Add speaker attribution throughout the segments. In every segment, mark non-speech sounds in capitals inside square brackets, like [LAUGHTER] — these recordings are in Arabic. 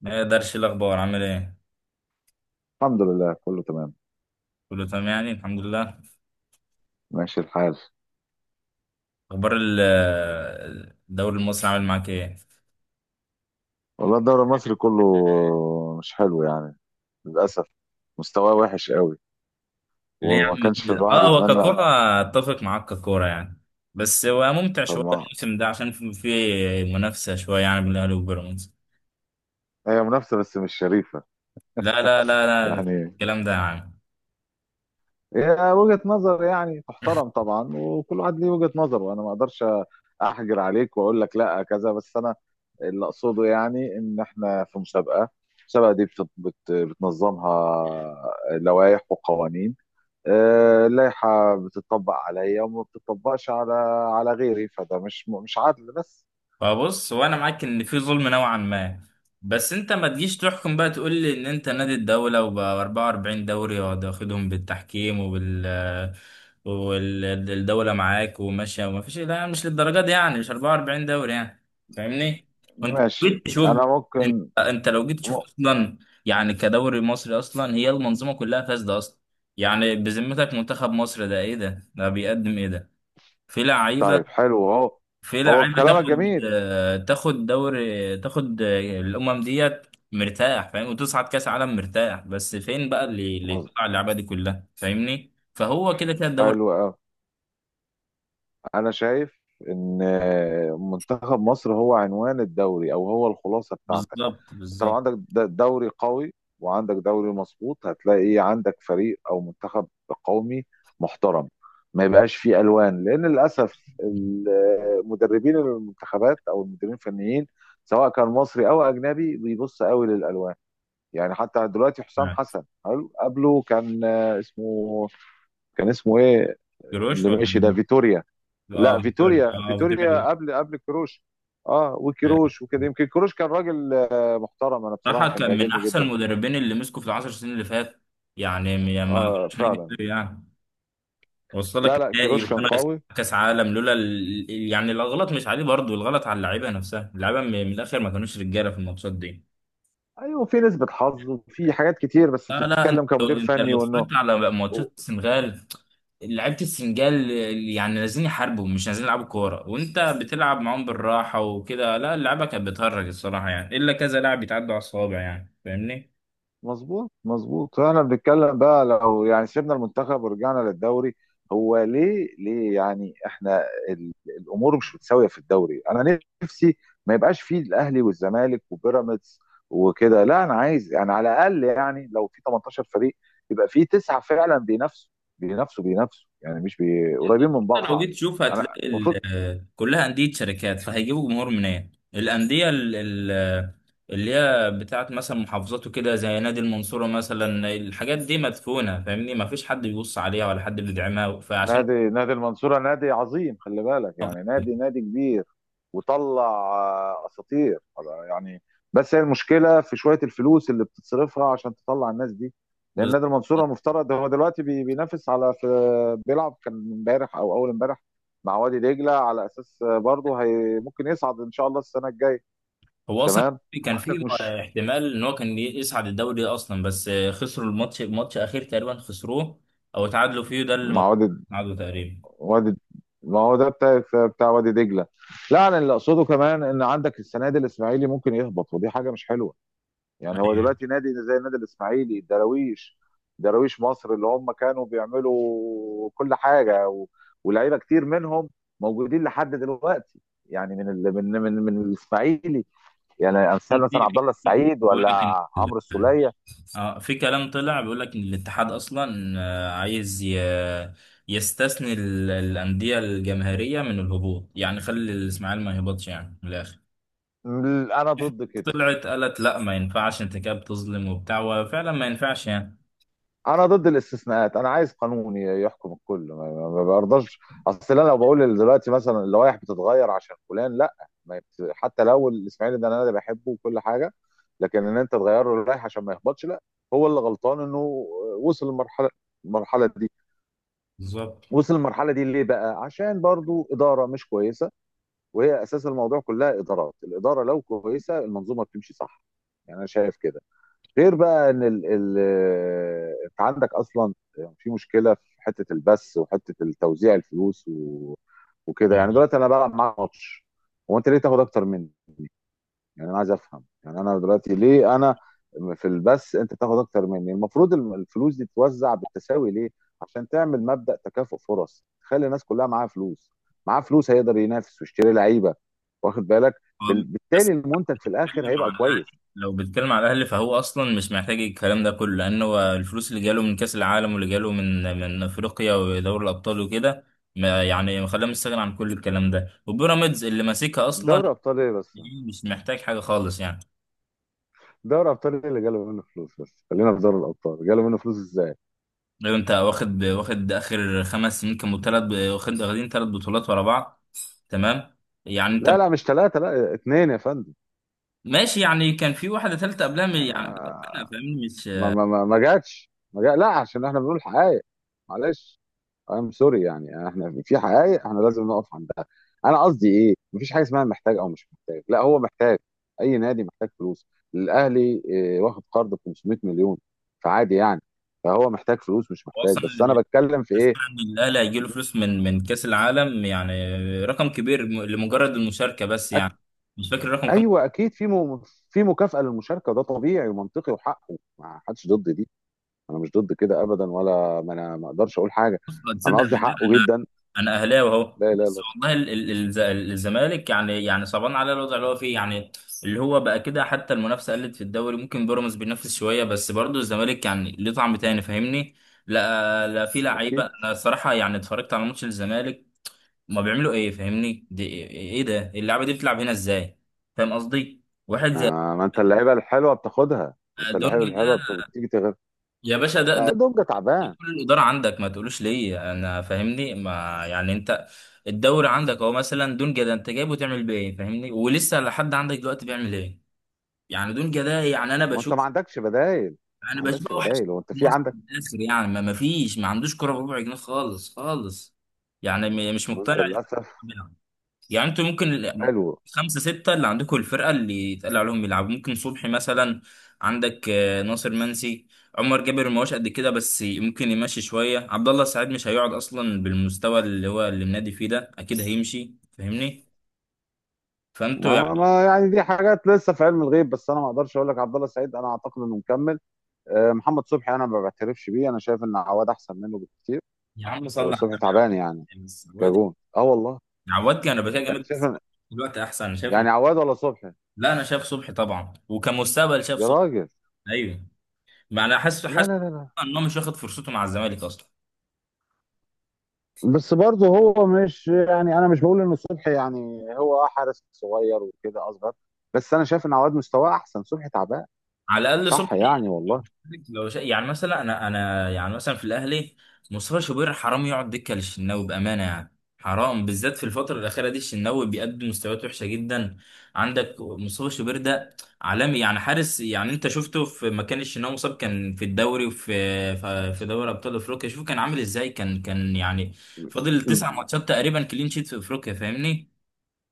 Speaker 1: ما يقدرش الاخبار عامل ايه؟
Speaker 2: الحمد لله كله تمام.
Speaker 1: كله تمام، يعني الحمد لله.
Speaker 2: ماشي الحال.
Speaker 1: اخبار الدوري المصري عامل معاك ايه؟
Speaker 2: والله الدوري المصري كله مش حلو، للأسف، مستواه وحش قوي
Speaker 1: ليه يا
Speaker 2: وما
Speaker 1: عم
Speaker 2: كانش
Speaker 1: كده؟
Speaker 2: الواحد
Speaker 1: اه، هو
Speaker 2: يتمنى.
Speaker 1: ككوره اتفق معاك ككوره يعني. بس هو ممتع
Speaker 2: طب
Speaker 1: شويه
Speaker 2: ما
Speaker 1: الموسم ده عشان في منافسه شويه يعني بين الاهلي وبيراميدز.
Speaker 2: هي منافسة بس مش شريفة.
Speaker 1: لا لا لا لا،
Speaker 2: يعني
Speaker 1: الكلام ده يا عم.
Speaker 2: هي وجهة نظر تحترم طبعا، وكل واحد ليه وجهة نظر، وأنا ما أقدرش أحجر عليك وأقول لك لا كذا. بس أنا اللي أقصده إن إحنا في مسابقة، المسابقة دي بتنظمها لوائح وقوانين. اللائحة بتطبق عليا وما بتطبقش على على غيري، فده مش عدل بس.
Speaker 1: فبص، وانا معاك ان في ظلم نوعا ما، بس انت ما تجيش تحكم بقى تقول لي ان انت نادي الدولة وبقى 44 دوري واخدهم بالتحكيم والدولة معاك وماشية، وما فيش، لا مش للدرجة دي يعني، مش 44 دوري يعني، فاهمني؟ وانت لو
Speaker 2: ماشي،
Speaker 1: جيت تشوف
Speaker 2: أنا
Speaker 1: انت
Speaker 2: ممكن.
Speaker 1: انت لو جيت تشوف
Speaker 2: م-
Speaker 1: اصلا، يعني كدوري مصري اصلا هي المنظومة كلها فاسدة اصلا. يعني بذمتك منتخب مصر ده ايه؟ ده بيقدم ايه ده؟ في
Speaker 2: طيب،
Speaker 1: لعيبة،
Speaker 2: حلو. هو
Speaker 1: في
Speaker 2: هو
Speaker 1: لعيبه
Speaker 2: كلامك
Speaker 1: تاخد
Speaker 2: جميل.
Speaker 1: تاخد دوري، تاخد الامم ديت مرتاح فاهم، وتصعد كاس عالم مرتاح، بس فين بقى اللي
Speaker 2: مظ-
Speaker 1: تطلع اللعبه دي كلها؟ فاهمني؟ فهو كده كده الدوري.
Speaker 2: حلو أوي. أنا شايف إن منتخب مصر هو عنوان الدوري، أو هو الخلاصة بتاعتك.
Speaker 1: بالظبط،
Speaker 2: انت لو عندك
Speaker 1: بالظبط.
Speaker 2: دوري قوي وعندك دوري مظبوط، هتلاقي إيه، عندك فريق او منتخب قومي محترم. ما يبقاش فيه الوان، لان للاسف مدربين المنتخبات او المدربين الفنيين سواء كان مصري او اجنبي بيبص قوي للالوان. حتى دلوقتي حسام حسن حلو، قبله كان اسمه، كان اسمه ايه؟
Speaker 1: جروش
Speaker 2: اللي
Speaker 1: ولا
Speaker 2: ماشي ده
Speaker 1: مين؟
Speaker 2: فيتوريا.
Speaker 1: اه
Speaker 2: لا
Speaker 1: فيتوريا،
Speaker 2: فيتوريا،
Speaker 1: اه فيتوريا.
Speaker 2: فيتوريا قبل كروش. اه، وكروش وكده، يمكن كروش كان راجل محترم، انا بصراحه
Speaker 1: صراحه
Speaker 2: كان
Speaker 1: كان من
Speaker 2: بيعجبني
Speaker 1: احسن
Speaker 2: جدا.
Speaker 1: المدربين اللي مسكوا في العشر سنين اللي فات، يعني ما
Speaker 2: اه
Speaker 1: كانش هيجي
Speaker 2: فعلا.
Speaker 1: يعني. وصل
Speaker 2: لا
Speaker 1: لك
Speaker 2: لا،
Speaker 1: نهائي
Speaker 2: كروش كان
Speaker 1: وخمس
Speaker 2: قوي.
Speaker 1: كاس عالم لولا يعني الغلط مش عليه، برضه الغلط على اللعيبه نفسها، اللعيبه من الاخر ما كانوش رجاله في الماتشات دي.
Speaker 2: ايوه، في نسبه حظ وفي حاجات كتير، بس
Speaker 1: لا لا، انت
Speaker 2: بتتكلم كمدير
Speaker 1: انت
Speaker 2: فني
Speaker 1: لو
Speaker 2: وانه
Speaker 1: اتفرجت على ماتشات السنغال، لعيبه السنغال يعني نازلين يحاربوا، مش نازلين يلعبوا كوره، وانت بتلعب معاهم بالراحه وكده. لا، اللعبه كانت بتهرج الصراحه يعني، الا كذا لاعب يتعدوا على الصوابع يعني، فاهمني؟
Speaker 2: مظبوط. مظبوط، فاحنا بنتكلم بقى لو سيبنا المنتخب ورجعنا للدوري. هو ليه؟ احنا ال- الامور مش متساويه في الدوري. انا نفسي ما يبقاش فيه الاهلي والزمالك وبيراميدز وكده. لا انا عايز على الاقل لو في 18 فريق، يبقى في تسعه فعلا بينافسوا بينافسوا بينافسوا، مش بي... قريبين من
Speaker 1: لو جيت
Speaker 2: بعض.
Speaker 1: تشوف
Speaker 2: انا
Speaker 1: هتلاقي
Speaker 2: المفروض
Speaker 1: كلها أندية شركات، فهيجيبوا جمهور منين؟ الأندية اللي هي بتاعت مثلا محافظات وكده، زي نادي المنصورة مثلا، الحاجات دي مدفونة، فاهمني؟ ما فيش حد بيبص عليها ولا حد بيدعمها فعشان
Speaker 2: نادي، نادي المنصورة نادي عظيم، خلي بالك، نادي، نادي كبير وطلع اساطير يعني. بس هي المشكلة في شوية الفلوس اللي بتتصرفها عشان تطلع الناس دي، لان
Speaker 1: بز-
Speaker 2: نادي المنصورة المفترض هو دلوقتي بينافس على في بيلعب كان امبارح او اول امبارح مع وادي دجلة، على اساس برضه هي ممكن يصعد ان شاء الله السنة الجاية.
Speaker 1: هو أصلا
Speaker 2: تمام.
Speaker 1: كان
Speaker 2: عندك
Speaker 1: في
Speaker 2: مش
Speaker 1: احتمال إن هو كان يصعد الدوري أصلا، بس خسروا الماتش، ماتش أخير تقريبا خسروه أو تعادلوا فيه، ده اللي ما
Speaker 2: مع وادي،
Speaker 1: تعادلوا تقريبا.
Speaker 2: وادي، ما هو ده بتاع بتاع وادي دجله. لا انا اللي اقصده كمان ان عندك السنه دي الاسماعيلي ممكن يهبط، ودي حاجه مش حلوه. هو
Speaker 1: أيوه.
Speaker 2: دلوقتي نادي زي النادي الاسماعيلي، الدراويش، دراويش مصر، اللي هم كانوا بيعملوا كل حاجه و... ولاعيبه كتير منهم موجودين لحد دلوقتي. من ال... من من الاسماعيلي، امثال مثلا
Speaker 1: في-
Speaker 2: عبد الله
Speaker 1: في-
Speaker 2: السعيد،
Speaker 1: بقول
Speaker 2: ولا
Speaker 1: لك
Speaker 2: عمرو السوليه.
Speaker 1: اه، في كلام طلع بيقول لك ان الاتحاد اصلا عايز يستثني الانديه الجماهيريه من الهبوط، يعني خلي الاسماعيلي ما يهبطش، يعني من الاخر.
Speaker 2: انا ضد كده.
Speaker 1: طلعت قالت لا ما ينفعش، انت كده بتظلم وبتاع، وفعلا ما ينفعش يعني.
Speaker 2: انا ضد الاستثناءات، انا عايز قانون يحكم الكل. ما ما برضاش. اصل انا لو بقول دلوقتي مثلا اللوائح بتتغير عشان فلان، لا. ما يت- حتى لو الاسماعيلي ده انا اللي بحبه وكل حاجه، لكن ان انت تغير له اللائحه عشان ما يهبطش، لا. هو اللي غلطان انه وصل للمرحله، المرحله دي.
Speaker 1: بالظبط.
Speaker 2: وصل المرحله دي ليه بقى؟ عشان برضو اداره مش كويسه، وهي اساس الموضوع كلها، ادارات. الاداره لو كويسه المنظومه بتمشي صح. انا شايف كده. غير بقى ان ال انت عندك اصلا في مشكله في حته البث وحته التوزيع، الفلوس و... وكده. دلوقتي انا بلعب معاك ماتش، هو انت ليه تاخد اكتر مني؟ انا عايز افهم، انا دلوقتي ليه انا في البث انت تاخد اكتر مني؟ المفروض الفلوس دي تتوزع بالتساوي، ليه؟ عشان تعمل مبدأ تكافؤ فرص، تخلي الناس كلها معاها فلوس، معاه فلوس هيقدر ينافس ويشتري لعيبه. واخد بالك؟
Speaker 1: هو بس
Speaker 2: بالتالي المنتج في الاخر
Speaker 1: بتكلم
Speaker 2: هيبقى
Speaker 1: عن
Speaker 2: كويس.
Speaker 1: الاهلي، لو بتكلم على الاهلي فهو اصلا مش محتاج الكلام ده كله، لان هو الفلوس اللي جاله من كاس العالم، واللي جاله من افريقيا ودوري الابطال وكده، ما يعني خلاه مستغني عن كل الكلام ده. وبيراميدز اللي ماسكها اصلا
Speaker 2: دوري ابطال ايه بس؟
Speaker 1: مش محتاج حاجة خالص يعني.
Speaker 2: دوري ابطال إيه اللي جاله منه فلوس؟ بس خلينا في دوري الابطال، جاله منه فلوس ازاي؟
Speaker 1: لو انت واخد اخر خمس سنين كانوا تلات، واخد واخدين تلات بطولات ورا بعض، تمام، يعني
Speaker 2: لا
Speaker 1: انت
Speaker 2: لا، مش ثلاثه، لا اثنين يا فندم.
Speaker 1: ماشي يعني. كان في واحدة تالتة قبلها من يعني، انا
Speaker 2: آه،
Speaker 1: فاهمني مش
Speaker 2: ما جاتش، ما جا... لا، عشان احنا بنقول حقائق، معلش. سوري، احنا في حقائق احنا لازم نقف عندها. انا قصدي ايه؟ مفيش حاجه اسمها محتاج او مش محتاج، لا هو محتاج. اي نادي محتاج فلوس. الاهلي واخد قرض ب 500 مليون، فعادي يعني. فهو محتاج فلوس، مش
Speaker 1: هو
Speaker 2: محتاج.
Speaker 1: اصلا
Speaker 2: بس انا
Speaker 1: اللي
Speaker 2: بتكلم في ايه؟
Speaker 1: اسمع ان الاهلي هيجي له فلوس من كاس العالم يعني، رقم كبير لمجرد المشاركة بس يعني، مش فاكر الرقم كام.
Speaker 2: ايوه اكيد في في مكافاه للمشاركه، ده طبيعي ومنطقي وحقه، ما حدش ضد دي. انا مش ضد كده ابدا، ولا ما انا ما اقدرش اقول حاجه. انا
Speaker 1: تصدق
Speaker 2: قصدي
Speaker 1: بالله،
Speaker 2: حقه جدا.
Speaker 1: انا اهلاوي اهو،
Speaker 2: لا لا
Speaker 1: بس
Speaker 2: لا.
Speaker 1: والله الزمالك يعني صعبان على الوضع اللي هو فيه يعني، اللي هو بقى كده. حتى المنافسه قلت في الدوري، ممكن بيراميدز بينافس شويه، بس برضه الزمالك يعني ليه طعم تاني، فاهمني؟ لا لا، في لعيبه،
Speaker 2: اكيد.
Speaker 1: انا الصراحه يعني اتفرجت على ماتش الزمالك، ما بيعملوا ايه، فاهمني؟ دي ايه؟ إيه ده؟ اللعبه دي بتلعب هنا ازاي؟ فاهم قصدي، واحد زي
Speaker 2: ما انت اللعيبه الحلوه بتاخدها، ما انت اللعيبه
Speaker 1: دونجا ده
Speaker 2: الحلوه بتيجي تغير.
Speaker 1: يا باشا، ده
Speaker 2: لا دونجا
Speaker 1: ليه؟
Speaker 2: تعبان.
Speaker 1: كل الإدارة عندك ما تقولوش ليه؟ أنا فاهمني ما يعني أنت الدوري عندك، هو مثلا دونجا ده أنت جايبه تعمل بيه إيه؟ فاهمني؟ ولسه لحد عندك دلوقتي بيعمل إيه يعني دونجا ده؟ يعني أنا
Speaker 2: ما انت ما
Speaker 1: بشوف،
Speaker 2: عندكش بدايل. ما
Speaker 1: أنا بشوف
Speaker 2: عندكش
Speaker 1: أوحش
Speaker 2: بدايل، هو انت
Speaker 1: في
Speaker 2: في
Speaker 1: مصر في
Speaker 2: عندك؟
Speaker 1: الآخر يعني. ما فيش ما عندوش كرة بربع جنيه، خالص خالص يعني، مش
Speaker 2: ما انت
Speaker 1: مقتنع
Speaker 2: للاسف.
Speaker 1: يعني. انتوا ممكن
Speaker 2: حلو.
Speaker 1: خمسة ستة اللي عندكم، الفرقة اللي يتقال عليهم يلعبوا، ممكن صبحي مثلا، عندك ناصر منسي، عمر جابر ما هوش قد كده بس ممكن يمشي شوية، عبد الله السعيد مش هيقعد أصلا بالمستوى اللي هو منادي فيه ده، أكيد هيمشي فاهمني؟ فأنتوا
Speaker 2: ما,
Speaker 1: يعني.
Speaker 2: ما دي حاجات لسه في علم الغيب. بس انا ما اقدرش اقول لك عبد الله السعيد انا اعتقد انه مكمل. محمد صبحي انا ما بعترفش بيه، انا شايف ان عواد احسن منه بكتير.
Speaker 1: يا عم صلي على
Speaker 2: صبحي
Speaker 1: النبي. يا
Speaker 2: تعبان يعني.
Speaker 1: عم بس عواد،
Speaker 2: كجون، اه والله.
Speaker 1: عواد كان رباكية جامد،
Speaker 2: شايف
Speaker 1: بس
Speaker 2: أنا-.
Speaker 1: دلوقتي أحسن أنا شايف.
Speaker 2: يعني عواد ولا صبحي؟
Speaker 1: لا أنا شايف صبحي طبعا، وكمستقبل شايف
Speaker 2: يا
Speaker 1: صبحي.
Speaker 2: راجل.
Speaker 1: أيوه، ما أنا حاسس
Speaker 2: لا
Speaker 1: حاسس
Speaker 2: لا لا لا.
Speaker 1: إن هو مش واخد فرصته مع الزمالك أصلا.
Speaker 2: بس برضه هو مش، انا مش بقول ان صبحي يعني، هو حارس صغير وكده اصغر. بس انا شايف ان عواد مستواه احسن، صبحي تعبان.
Speaker 1: على الاقل
Speaker 2: صح،
Speaker 1: صبحي.
Speaker 2: والله.
Speaker 1: يعني مثلا انا يعني مثلا في الاهلي، مصطفى شوبير حرام يقعد دكه للشناوي، بامانه يعني، حرام بالذات في الفتره الاخيره دي، الشناوي بيقدم مستويات وحشه جدا. عندك مصطفى شوبير ده عالمي يعني حارس يعني. انت شفته في مكان الشناوي، مصاب كان في الدوري وفي في دوري ابطال افريقيا، شوف كان عامل ازاي، كان يعني فاضل تسع
Speaker 2: م-
Speaker 1: ماتشات تقريبا كلين شيت في افريقيا، فاهمني؟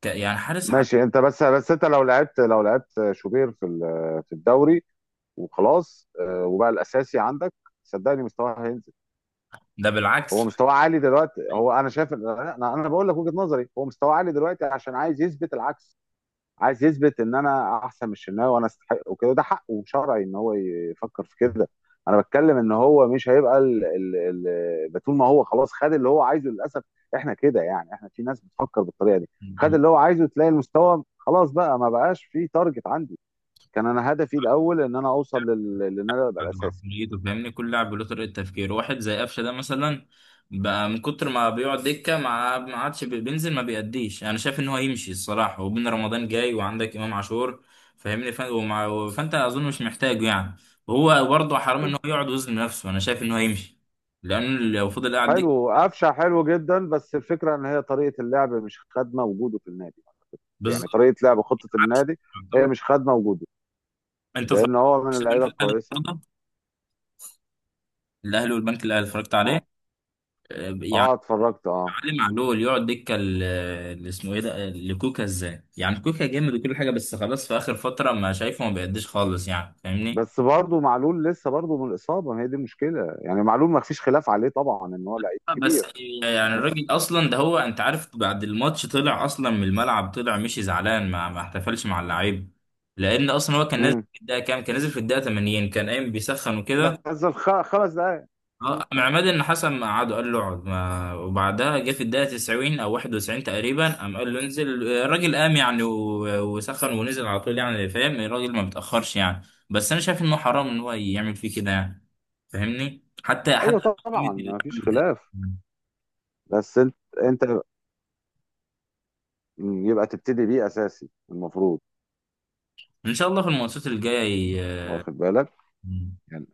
Speaker 1: يعني حارس
Speaker 2: ماشي. انت بس انت لو لعبت، لو لعبت شوبير في الدوري، وخلاص وبقى الاساسي عندك، صدقني مستواه هينزل.
Speaker 1: ده
Speaker 2: هو
Speaker 1: بالعكس.
Speaker 2: مستواه عالي دلوقتي. هو انا شايف، انا بقول لك وجهة نظري، هو مستواه عالي دلوقتي عشان عايز يثبت العكس. عايز يثبت ان انا احسن من الشناوي وانا استحق وكده. ده حقه شرعي ان هو يفكر في كده. انا بتكلم ان هو مش هيبقى ال... ال... ال... طول ما هو خلاص خد اللي هو عايزه، للاسف احنا كده. احنا في ناس بتفكر بالطريقه دي. خد اللي هو عايزه، تلاقي المستوى خلاص، بقى ما بقاش في تارجت عندي. كان انا هدفي الاول ان انا اوصل لل... لان انا ابقى
Speaker 1: عن
Speaker 2: الاساسي.
Speaker 1: عقليته فاهمني كل لاعب له طريقة تفكير، واحد زي قفشة ده مثلا بقى من كتر ما بيقعد دكة ما عادش بينزل ما بيأديش، أنا شايف إن هو يمشي الصراحة، وبين رمضان جاي وعندك إمام عاشور، فاهمني؟ فأنت أظن مش محتاجه يعني، وهو برضه حرام إن هو يقعد وزن نفسه، أنا شايف إن هو يمشي لأنه لو فضل قاعد
Speaker 2: حلو،
Speaker 1: دكة.
Speaker 2: قفشه حلو جدا. بس الفكره ان هي طريقه اللعب مش خادمه وجوده في النادي.
Speaker 1: بالظبط.
Speaker 2: طريقه لعب خطه
Speaker 1: عكس-
Speaker 2: النادي هي
Speaker 1: يعتبر-
Speaker 2: مش خادمه وجوده،
Speaker 1: أنت اتفرجت
Speaker 2: لان هو من
Speaker 1: على
Speaker 2: اللعيبه
Speaker 1: البنك الأهلي
Speaker 2: الكويسه.
Speaker 1: النهارده؟ الأهلي والبنك الأهلي اتفرجت
Speaker 2: اه.
Speaker 1: عليه؟ يعني
Speaker 2: اه اتفرجت، اه.
Speaker 1: اتعلم علي معلول يقعد دكه اللي اسمه ايه ده، لكوكا، ازاي يعني؟ كوكا جامد وكل حاجه بس خلاص في اخر فتره ما شايفه ما بيقدش خالص يعني، فاهمني؟
Speaker 2: بس برضه معلول لسه برضه من الاصابه، ما هي دي المشكله. معلول ما فيش خلاف عليه طبعا، ان هو لعيب
Speaker 1: آه، بس
Speaker 2: كبير.
Speaker 1: يعني
Speaker 2: بس،
Speaker 1: الراجل اصلا ده، هو انت عارف بعد الماتش طلع اصلا من الملعب، طلع مشي زعلان، ما احتفلش مع اللعيب لان اصلا هو كان نازل
Speaker 2: امم،
Speaker 1: في الدقيقه كام، كان نازل في الدقيقه 80 كان قايم بيسخن وكده.
Speaker 2: نزل 5 دقائق. مم.
Speaker 1: اه، مع عماد النحاس اما قعدوا قال له اقعد، ما وبعدها جه في الدقيقه 90 او 91 تقريبا قام قال له انزل، الراجل قام يعني وسخن ونزل على طول يعني، فاهم الراجل ما بيتاخرش يعني. بس انا شايف انه حرام ان هو يعمل فيه كده يعني، فاهمني؟ حتى
Speaker 2: ايوه
Speaker 1: حتى
Speaker 2: طبعا،
Speaker 1: قيمة اللعب
Speaker 2: ما فيش
Speaker 1: ده.
Speaker 2: خلاف. بس انت، انت مم، يبقى تبتدي بيه اساسي المفروض.
Speaker 1: ان شاء الله في الماتشات الجايه.
Speaker 2: واخد بالك؟
Speaker 1: ي-
Speaker 2: يعني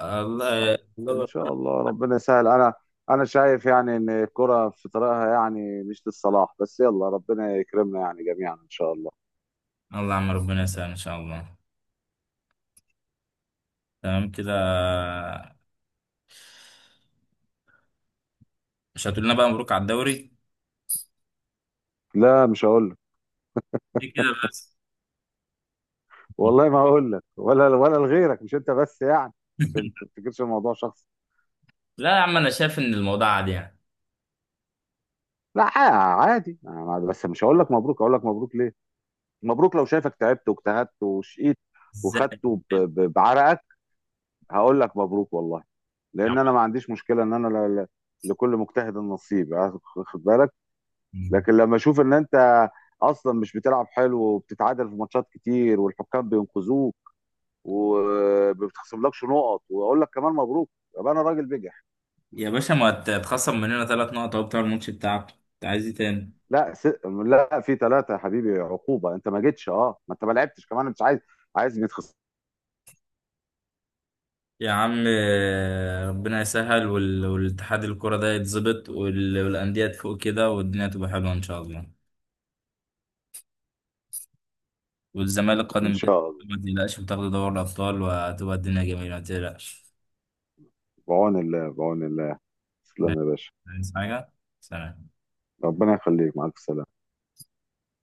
Speaker 1: الله
Speaker 2: آه، ان
Speaker 1: الله،
Speaker 2: شاء الله ربنا يسهل. انا شايف ان الكرة في طريقها، مش للصلاح بس، يلا ربنا يكرمنا جميعا ان شاء الله.
Speaker 1: الله عم ربنا يسهل ان شاء الله. تمام كده؟ مش هتقول لنا بقى مبروك على الدوري؟
Speaker 2: لا مش هقول لك.
Speaker 1: إيه كده بس؟
Speaker 2: والله ما هقول لك ولا ولا لغيرك، مش انت بس يعني. عشان ما
Speaker 1: [LAUGHS]
Speaker 2: تفتكرش الموضوع شخصي.
Speaker 1: لا يا عم انا شايف ان الموضوع عادي يعني.
Speaker 2: لا، عادي. أنا بس مش هقول لك مبروك. هقول لك مبروك ليه؟ مبروك لو شايفك تعبت واجتهدت وشقيت
Speaker 1: ازاي؟
Speaker 2: وخدته بعرقك، هقول لك مبروك والله.
Speaker 1: يا عم،
Speaker 2: لان انا ما عنديش مشكله ان انا لكل مجتهد نصيب، واخد بالك. لكن لما اشوف ان انت اصلا مش بتلعب حلو، وبتتعادل في ماتشات كتير والحكام بينقذوك وما بتخصملكش نقط، واقول لك كمان مبروك، يبقى انا راجل بجح.
Speaker 1: يا باشا ما تخصم مننا ثلاث نقط اهو بتاع الماتش بتاعك، انت عايز ايه تاني؟
Speaker 2: لا س... لا، في ثلاثه يا حبيبي، عقوبه. انت ما جيتش، اه، ما انت ما لعبتش كمان. مش عايز، عايز يتخصم.
Speaker 1: يا عم ربنا يسهل والاتحاد الكرة ده يتظبط والأندية تفوق كده والدنيا تبقى حلوة إن شاء الله. والزمالك
Speaker 2: ان
Speaker 1: قادم بإذن
Speaker 2: شاء الله.
Speaker 1: الله، ما تقلقش بتاخد دوري الأبطال وهتبقى الدنيا جميلة ما تقلقش.
Speaker 2: بعون الله، بعون الله. تسلم
Speaker 1: ماشي.
Speaker 2: يا باشا.
Speaker 1: عايز حاجة؟ سلام.
Speaker 2: ربنا يخليك، مع الف سلامه.